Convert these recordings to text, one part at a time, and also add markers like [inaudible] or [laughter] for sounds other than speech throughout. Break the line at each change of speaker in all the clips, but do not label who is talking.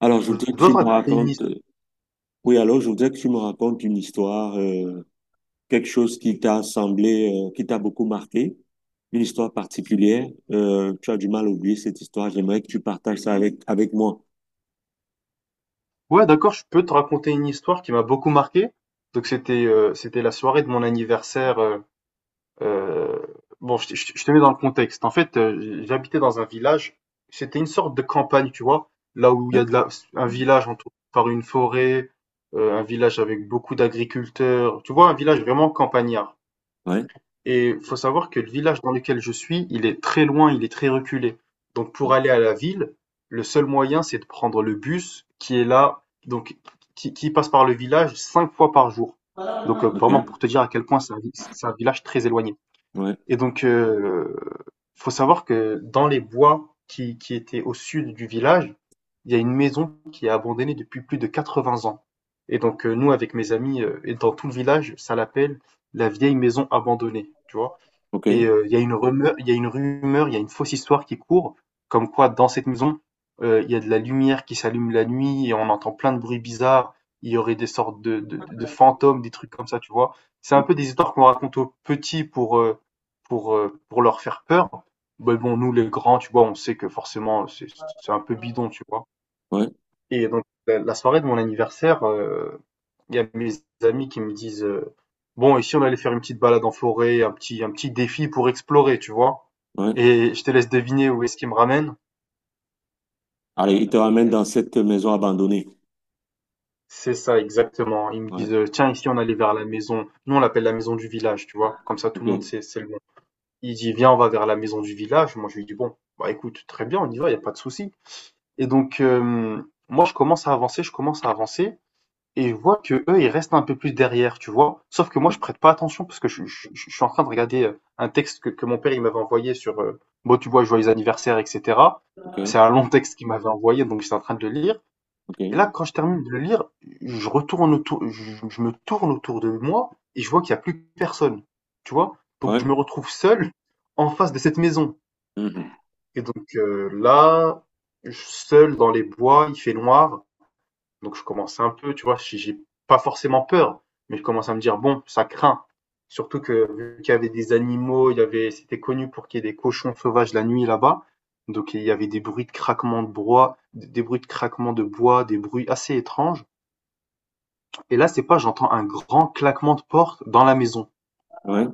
Alors, je
Je
voudrais que
dois
tu
te
me
raconter une
racontes,
his-
oui, alors, je voudrais que tu me racontes une histoire, quelque chose qui t'a semblé, qui t'a beaucoup marqué, une histoire particulière. Tu as du mal à oublier cette histoire. J'aimerais que tu partages ça avec moi.
Ouais, d'accord, je peux te raconter une histoire qui m'a beaucoup marqué. Donc c'était la soirée de mon anniversaire. Euh, bon, je te mets dans le contexte. En fait, j'habitais dans un village. C'était une sorte de campagne, tu vois, là où il y a
Hein?
de la, un village entouré par une forêt, un village avec beaucoup d'agriculteurs. Tu vois, un village vraiment campagnard.
Ouais,
Et il faut savoir que le village dans lequel je suis, il est très loin, il est très reculé. Donc pour aller à la ville, le seul moyen, c'est de prendre le bus qui est là, donc qui passe par le village cinq fois par jour. Donc
ok,
vraiment pour te dire à quel point c'est un village très éloigné.
ouais,
Et donc faut savoir que dans les bois qui étaient au sud du village, il y a une maison qui est abandonnée depuis plus de 80 ans. Et donc nous avec mes amis et dans tout le village, ça l'appelle la vieille maison abandonnée, tu vois. Et il
ok,
euh, y a une rumeur, il y a une fausse histoire qui court, comme quoi dans cette maison, il y a de la lumière qui s'allume la nuit et on entend plein de bruits bizarres. Il y aurait des sortes de fantômes, des trucs comme ça, tu vois. C'est un peu des histoires qu'on raconte aux petits pour leur faire peur. Mais bon, nous, les grands, tu vois, on sait que forcément, c'est un peu bidon, tu vois.
ouais,
Et donc, la soirée de mon anniversaire, il y a mes amis qui me disent bon, ici on allait faire une petite balade en forêt, un petit défi pour explorer, tu vois.
ouais.
Et je te laisse deviner où est-ce qu'ils me ramènent.
Allez, il te ramène dans cette maison abandonnée.
C'est ça, exactement. Ils me disent
Ouais,
tiens, ici on allait vers la maison. Nous on l'appelle la maison du village, tu vois. Comme ça tout
ok,
le monde sait, c'est le nom. Il dit viens, on va vers la maison du village. Moi je lui dis bon, bah écoute, très bien, on y va, il n'y a pas de souci. Et donc, moi je commence à avancer, je commence à avancer. Et je vois que eux ils restent un peu plus derrière, tu vois. Sauf que moi je prête pas attention parce que je suis en train de regarder un texte que mon père il m'avait envoyé sur bon tu vois joyeux anniversaire etc.
ok,
C'est un long texte qu'il m'avait envoyé donc j'étais en train de le lire.
ok,
Et là quand je termine de le lire, je retourne autour, je me tourne autour de moi et je vois qu'il y a plus personne, tu vois. Donc
ouais,
je me retrouve seul en face de cette maison.
mhm,
Et donc là, seul dans les bois, il fait noir. Donc je commence un peu, tu vois, j'ai pas forcément peur, mais je commence à me dire, bon, ça craint. Surtout que vu qu'il y avait des animaux, il y avait, c'était connu pour qu'il y ait des cochons sauvages la nuit là-bas. Donc il y avait des bruits de craquement de bois, des bruits de craquement de bois, des bruits assez étranges. Et là, c'est pas, j'entends un grand claquement de porte dans la maison.
ouais,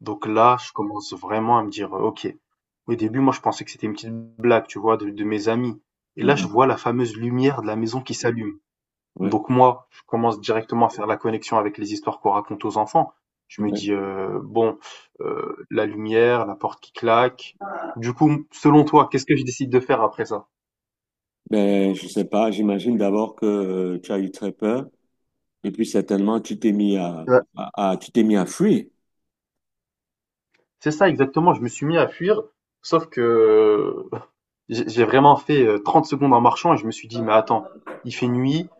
Donc là, je commence vraiment à me dire, ok. Au début, moi, je pensais que c'était une petite blague, tu vois, de mes amis. Et là, je
mhm,
vois la fameuse lumière de la maison qui s'allume.
ouais.
Donc moi, je commence directement à faire la connexion avec les histoires qu'on raconte aux enfants. Je me
Ouais.
dis, bon, la lumière, la porte qui claque. Du coup, selon toi, qu'est-ce que je décide de faire après ça?
Ben, je sais pas, j'imagine d'abord que tu as eu très peur. Et puis certainement, tu t'es mis à,
Ouais.
tu t'es mis à fuir.
C'est ça exactement, je me suis mis à fuir, sauf que [laughs] j'ai vraiment fait, 30 secondes en marchant et je me suis dit: «Mais attends, il fait nuit,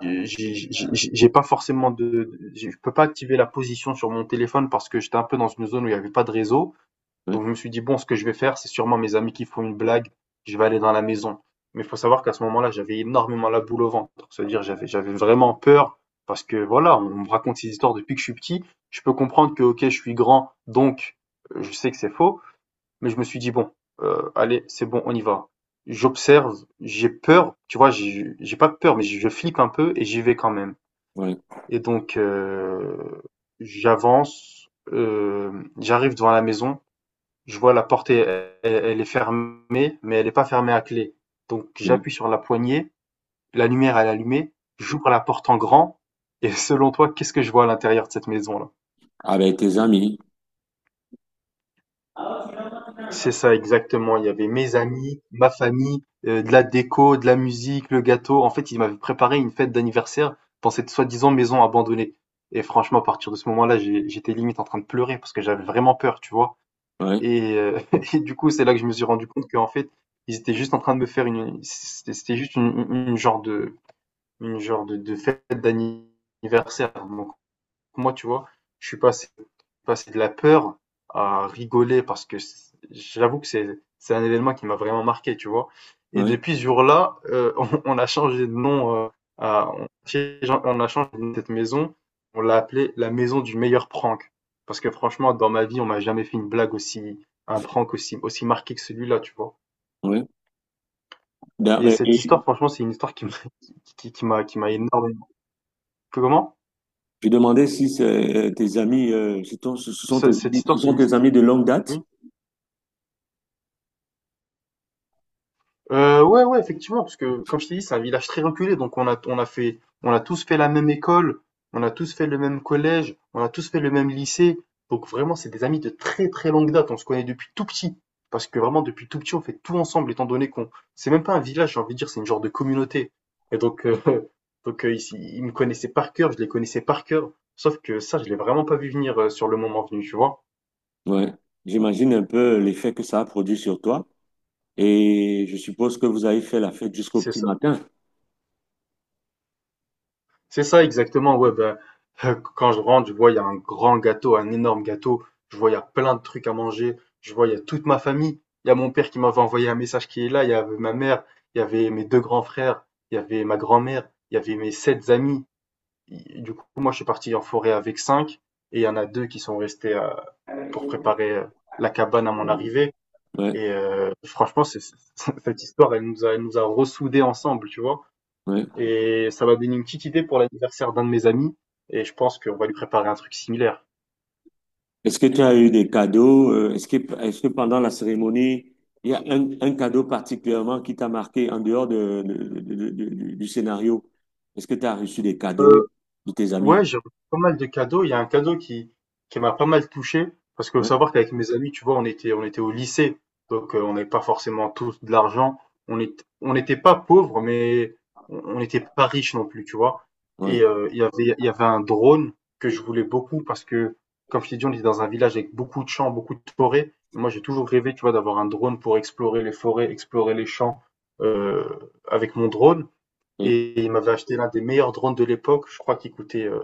j'ai pas forcément de je peux pas activer la position sur mon téléphone parce que j'étais un peu dans une zone où il y avait pas de réseau».
Ouais,
Donc je me suis dit, bon, ce que je vais faire, c'est sûrement mes amis qui font une blague, je vais aller dans la maison. Mais il faut savoir qu'à ce moment-là, j'avais énormément la boule au ventre. C'est-à-dire, j'avais, j'avais vraiment peur parce que voilà, on me raconte ces histoires depuis que je suis petit. Je peux comprendre que, ok, je suis grand, donc je sais que c'est faux. Mais je me suis dit, bon, allez, c'est bon, on y va. J'observe, j'ai peur, tu vois, j'ai pas peur, mais je flippe un peu et j'y vais quand même.
ouais,
Et donc, j'avance, j'arrive devant la maison, je vois la porte, elle est fermée, mais elle n'est pas fermée à clé. Donc
ouais.
j'appuie sur la poignée, la lumière elle est allumée, j'ouvre la porte en grand, et [laughs] selon toi, qu'est-ce que je vois à l'intérieur de cette maison-là?
Avec tes amis.
C'est ça exactement, il y avait mes amis, ma famille, de la déco, de la musique, le gâteau. En fait, ils m'avaient préparé une fête d'anniversaire dans cette soi-disant maison abandonnée. Et franchement, à partir de ce moment-là, j'étais limite en train de pleurer parce que j'avais vraiment peur, tu vois.
Ouais,
Et, euh, [laughs] et du coup, c'est là que je me suis rendu compte qu'en fait, ils étaient juste en train de me faire une, c'était c'était juste une genre de, fête d'anniversaire. Moi, tu vois, je suis passé, passé de la peur à rigoler parce que j'avoue que c'est un événement qui m'a vraiment marqué, tu vois. Et
ouais,
depuis ce jour-là, [laughs] on, on a changé de nom, euh, à- on, on a changé de nom de cette maison, on l'a appelée la maison du meilleur prank. Parce que franchement, dans ma vie, on m'a jamais fait une blague aussi, un prank aussi marqué que celui-là, tu vois.
ouais.
Et
Ben,
cette histoire,
et
franchement, c'est une histoire qui m'a [laughs] qui m'a énormément. Comment?
je demandais si tes amis, ce sont tes
Cette
amis, ce
histoire, c'est
sont
une...
tes amis de longue
Oui.
date.
Ouais, ouais, effectivement, parce que comme je t'ai dit, c'est un village très reculé, donc on a tous fait la même école, on a tous fait le même collège, on a tous fait le même lycée, donc vraiment, c'est des amis de très très longue date, on se connaît depuis tout petit, parce que vraiment, depuis tout petit, on fait tout ensemble, étant donné qu'on, c'est même pas un village, j'ai envie de dire, c'est une genre de communauté, et donc, [laughs] ils me connaissaient par cœur, je les connaissais par cœur, sauf que ça, je l'ai vraiment pas vu venir sur le moment venu, tu vois.
Ouais. J'imagine un peu l'effet que ça a produit sur toi. Et je suppose que vous avez fait la fête jusqu'au
c'est
petit matin.
C'est ça exactement, ouais, ben [laughs] quand je rentre, je vois, il y a un grand gâteau, un énorme gâteau. Je vois, il y a plein de trucs à manger. Je vois, il y a toute ma famille. Il y a mon père qui m'avait envoyé un message qui est là. Il y avait ma mère. Il y avait mes deux grands frères. Il y avait ma grand-mère. Il y avait mes sept amis. Et du coup, moi, je suis parti en forêt avec cinq. Et il y en a deux qui sont restés pour préparer la cabane à mon arrivée.
Ouais,
Et franchement, [laughs] cette histoire, elle nous a ressoudés ensemble, tu vois.
ouais.
Et ça m'a donné une petite idée pour l'anniversaire d'un de mes amis. Et je pense qu'on va lui préparer un truc similaire.
Est-ce que tu as eu des cadeaux? Est-ce que pendant la cérémonie, il y a un cadeau particulièrement qui t'a marqué en dehors de, du scénario? Est-ce que tu as reçu des
Euh,
cadeaux de tes amis?
Ouais, j'ai reçu pas mal de cadeaux. Il y a un cadeau qui m'a pas mal touché, parce que faut
Ouais,
savoir qu'avec mes amis, tu vois, on était au lycée, donc on n'avait pas forcément tous de l'argent. On est, on n'était pas pauvres, mais on n'était pas riches non plus, tu vois. Et
ouais.
il y avait un drone que je voulais beaucoup, parce que, comme je t'ai dit, on était dans un village avec beaucoup de champs, beaucoup de forêts. Moi, j'ai toujours rêvé, tu vois, d'avoir un drone pour explorer les forêts, explorer les champs, euh, avec mon drone.
Ouais.
Et il m'avait acheté l'un des meilleurs drones de l'époque, je crois qu'il coûtait euh,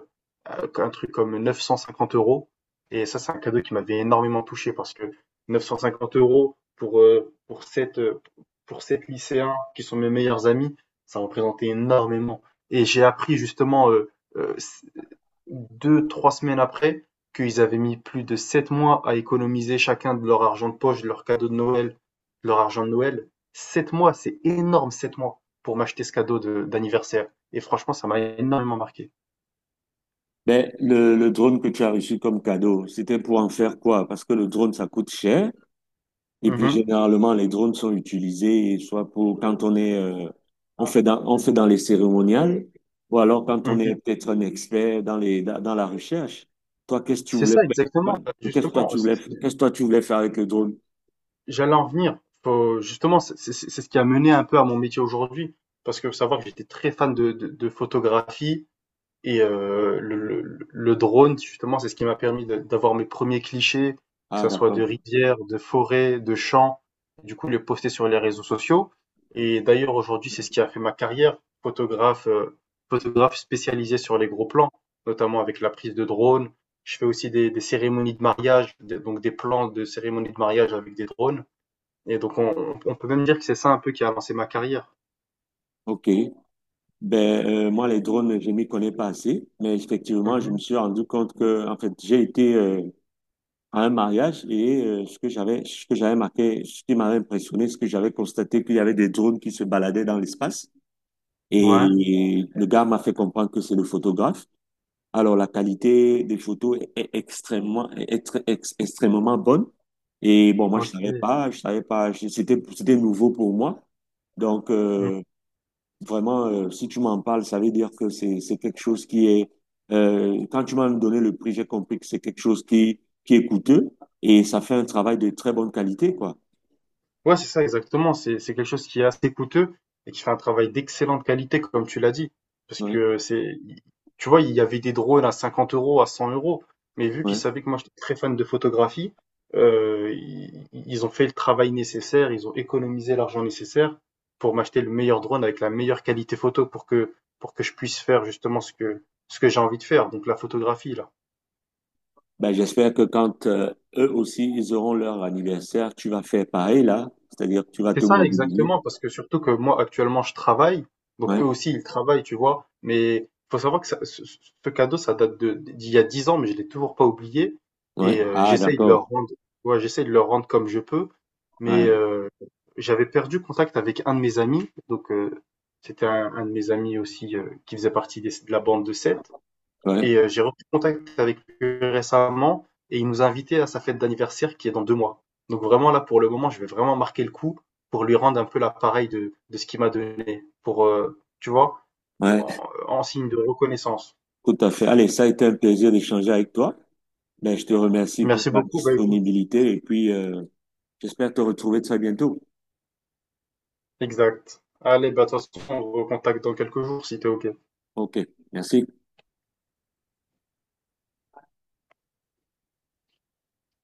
euh, un truc comme 950 euros. Et ça, c'est un cadeau qui m'avait énormément touché parce que 950 euros pour sept lycéens qui sont mes meilleurs amis, ça représentait énormément. Et j'ai appris justement, euh, deux, trois semaines après qu'ils avaient mis plus de 7 mois à économiser chacun de leur argent de poche, de leur cadeau de Noël, de leur argent de Noël. 7 mois, c'est énorme, 7 mois pour m'acheter ce cadeau d'anniversaire. Et franchement, ça m'a énormément marqué.
Ben, le drone que tu as reçu comme cadeau, c'était pour en faire quoi? Parce que le drone, ça coûte cher. Et puis
Mhm,
généralement, les drones sont utilisés soit pour quand on est, on fait dans les cérémoniales, ou alors quand on est
mhm.
peut-être un expert dans les, dans, dans la recherche. Toi, qu'est-ce que tu
C'est
voulais
ça,
faire?
exactement.
Ouais. Qu'est-ce que toi
Justement,
tu voulais, qu'est-ce que toi tu voulais faire avec le drone?
j'allais en venir. Justement, c'est ce qui a mené un peu à mon métier aujourd'hui. Parce que faut savoir que j'étais très fan de photographie. Et le drone, justement, c'est ce qui m'a permis d'avoir mes premiers clichés, que
Ah,
ça soit de
d'accord.
rivières, de forêts, de champs. Du coup, les poster sur les réseaux sociaux. Et d'ailleurs, aujourd'hui, c'est ce qui a fait ma carrière, photographe, photographe spécialisé sur les gros plans, notamment avec la prise de drone. Je fais aussi des cérémonies de mariage, donc des plans de cérémonies de mariage avec des drones. Et donc, on peut même dire que c'est ça un peu qui a lancé ma carrière.
OK. Ben, moi, les drones, je m'y connais pas assez, mais effectivement, je me
Mhm.
suis rendu compte que, en fait, j'ai été à un mariage et ce que j'avais marqué, ce qui m'avait impressionné, ce que j'avais constaté, qu'il y avait des drones qui se baladaient dans l'espace.
Ouais,
Et le gars m'a fait comprendre que c'est le photographe. Alors, la qualité des photos est extrêmement, est extrêmement bonne. Et bon, moi,
ok.
je savais pas, c'était, c'était nouveau pour moi. Donc, vraiment, si tu m'en parles, ça veut dire que c'est quelque chose qui est, quand tu m'as donné le prix, j'ai compris que c'est quelque chose qui est coûteux et ça fait un travail de très bonne qualité, quoi.
Ouais, c'est ça, exactement. C'est quelque chose qui est assez coûteux et qui fait un travail d'excellente qualité, comme tu l'as dit. Parce que
Ouais,
c'est, tu vois, il y avait des drones à 50 euros, à 100 euros. Mais vu qu'ils
ouais.
savaient que moi, j'étais très fan de photographie, ils ont fait le travail nécessaire, ils ont économisé l'argent nécessaire pour m'acheter le meilleur drone avec la meilleure qualité photo pour que je puisse faire justement ce que j'ai envie de faire. Donc la photographie, là.
Ben, j'espère que quand eux aussi, ils auront leur anniversaire, tu vas faire pareil là, c'est-à-dire que tu vas
C'est
te
ça
mobiliser.
exactement, parce que surtout que moi actuellement je travaille, donc eux
Ouais,
aussi ils travaillent, tu vois, mais faut savoir que ce cadeau ça date de d'il y a 10 ans, mais je l'ai toujours pas oublié,
ouais.
et
Ah,
j'essaye de
d'accord.
leur rendre, ouais, j'essaye de leur rendre comme je peux, mais
Ouais,
j'avais perdu contact avec un de mes amis, donc c'était un de mes amis aussi qui faisait partie de la bande de sept,
ouais,
et j'ai repris contact avec lui récemment et il nous a invités à sa fête d'anniversaire qui est dans 2 mois. Donc vraiment là, pour le moment, je vais vraiment marquer le coup pour lui rendre un peu l'appareil de ce qu'il m'a donné, pour, tu vois, en,
ouais.
signe de reconnaissance.
Tout à fait. Allez, ça a été un plaisir d'échanger avec toi. Ben, je te remercie pour
Merci
ta
beaucoup. Bah, écoute,
disponibilité et puis j'espère te retrouver très bientôt.
exact. Allez, bah, de toute façon, on se recontacte dans quelques jours si t'es OK.
OK, merci.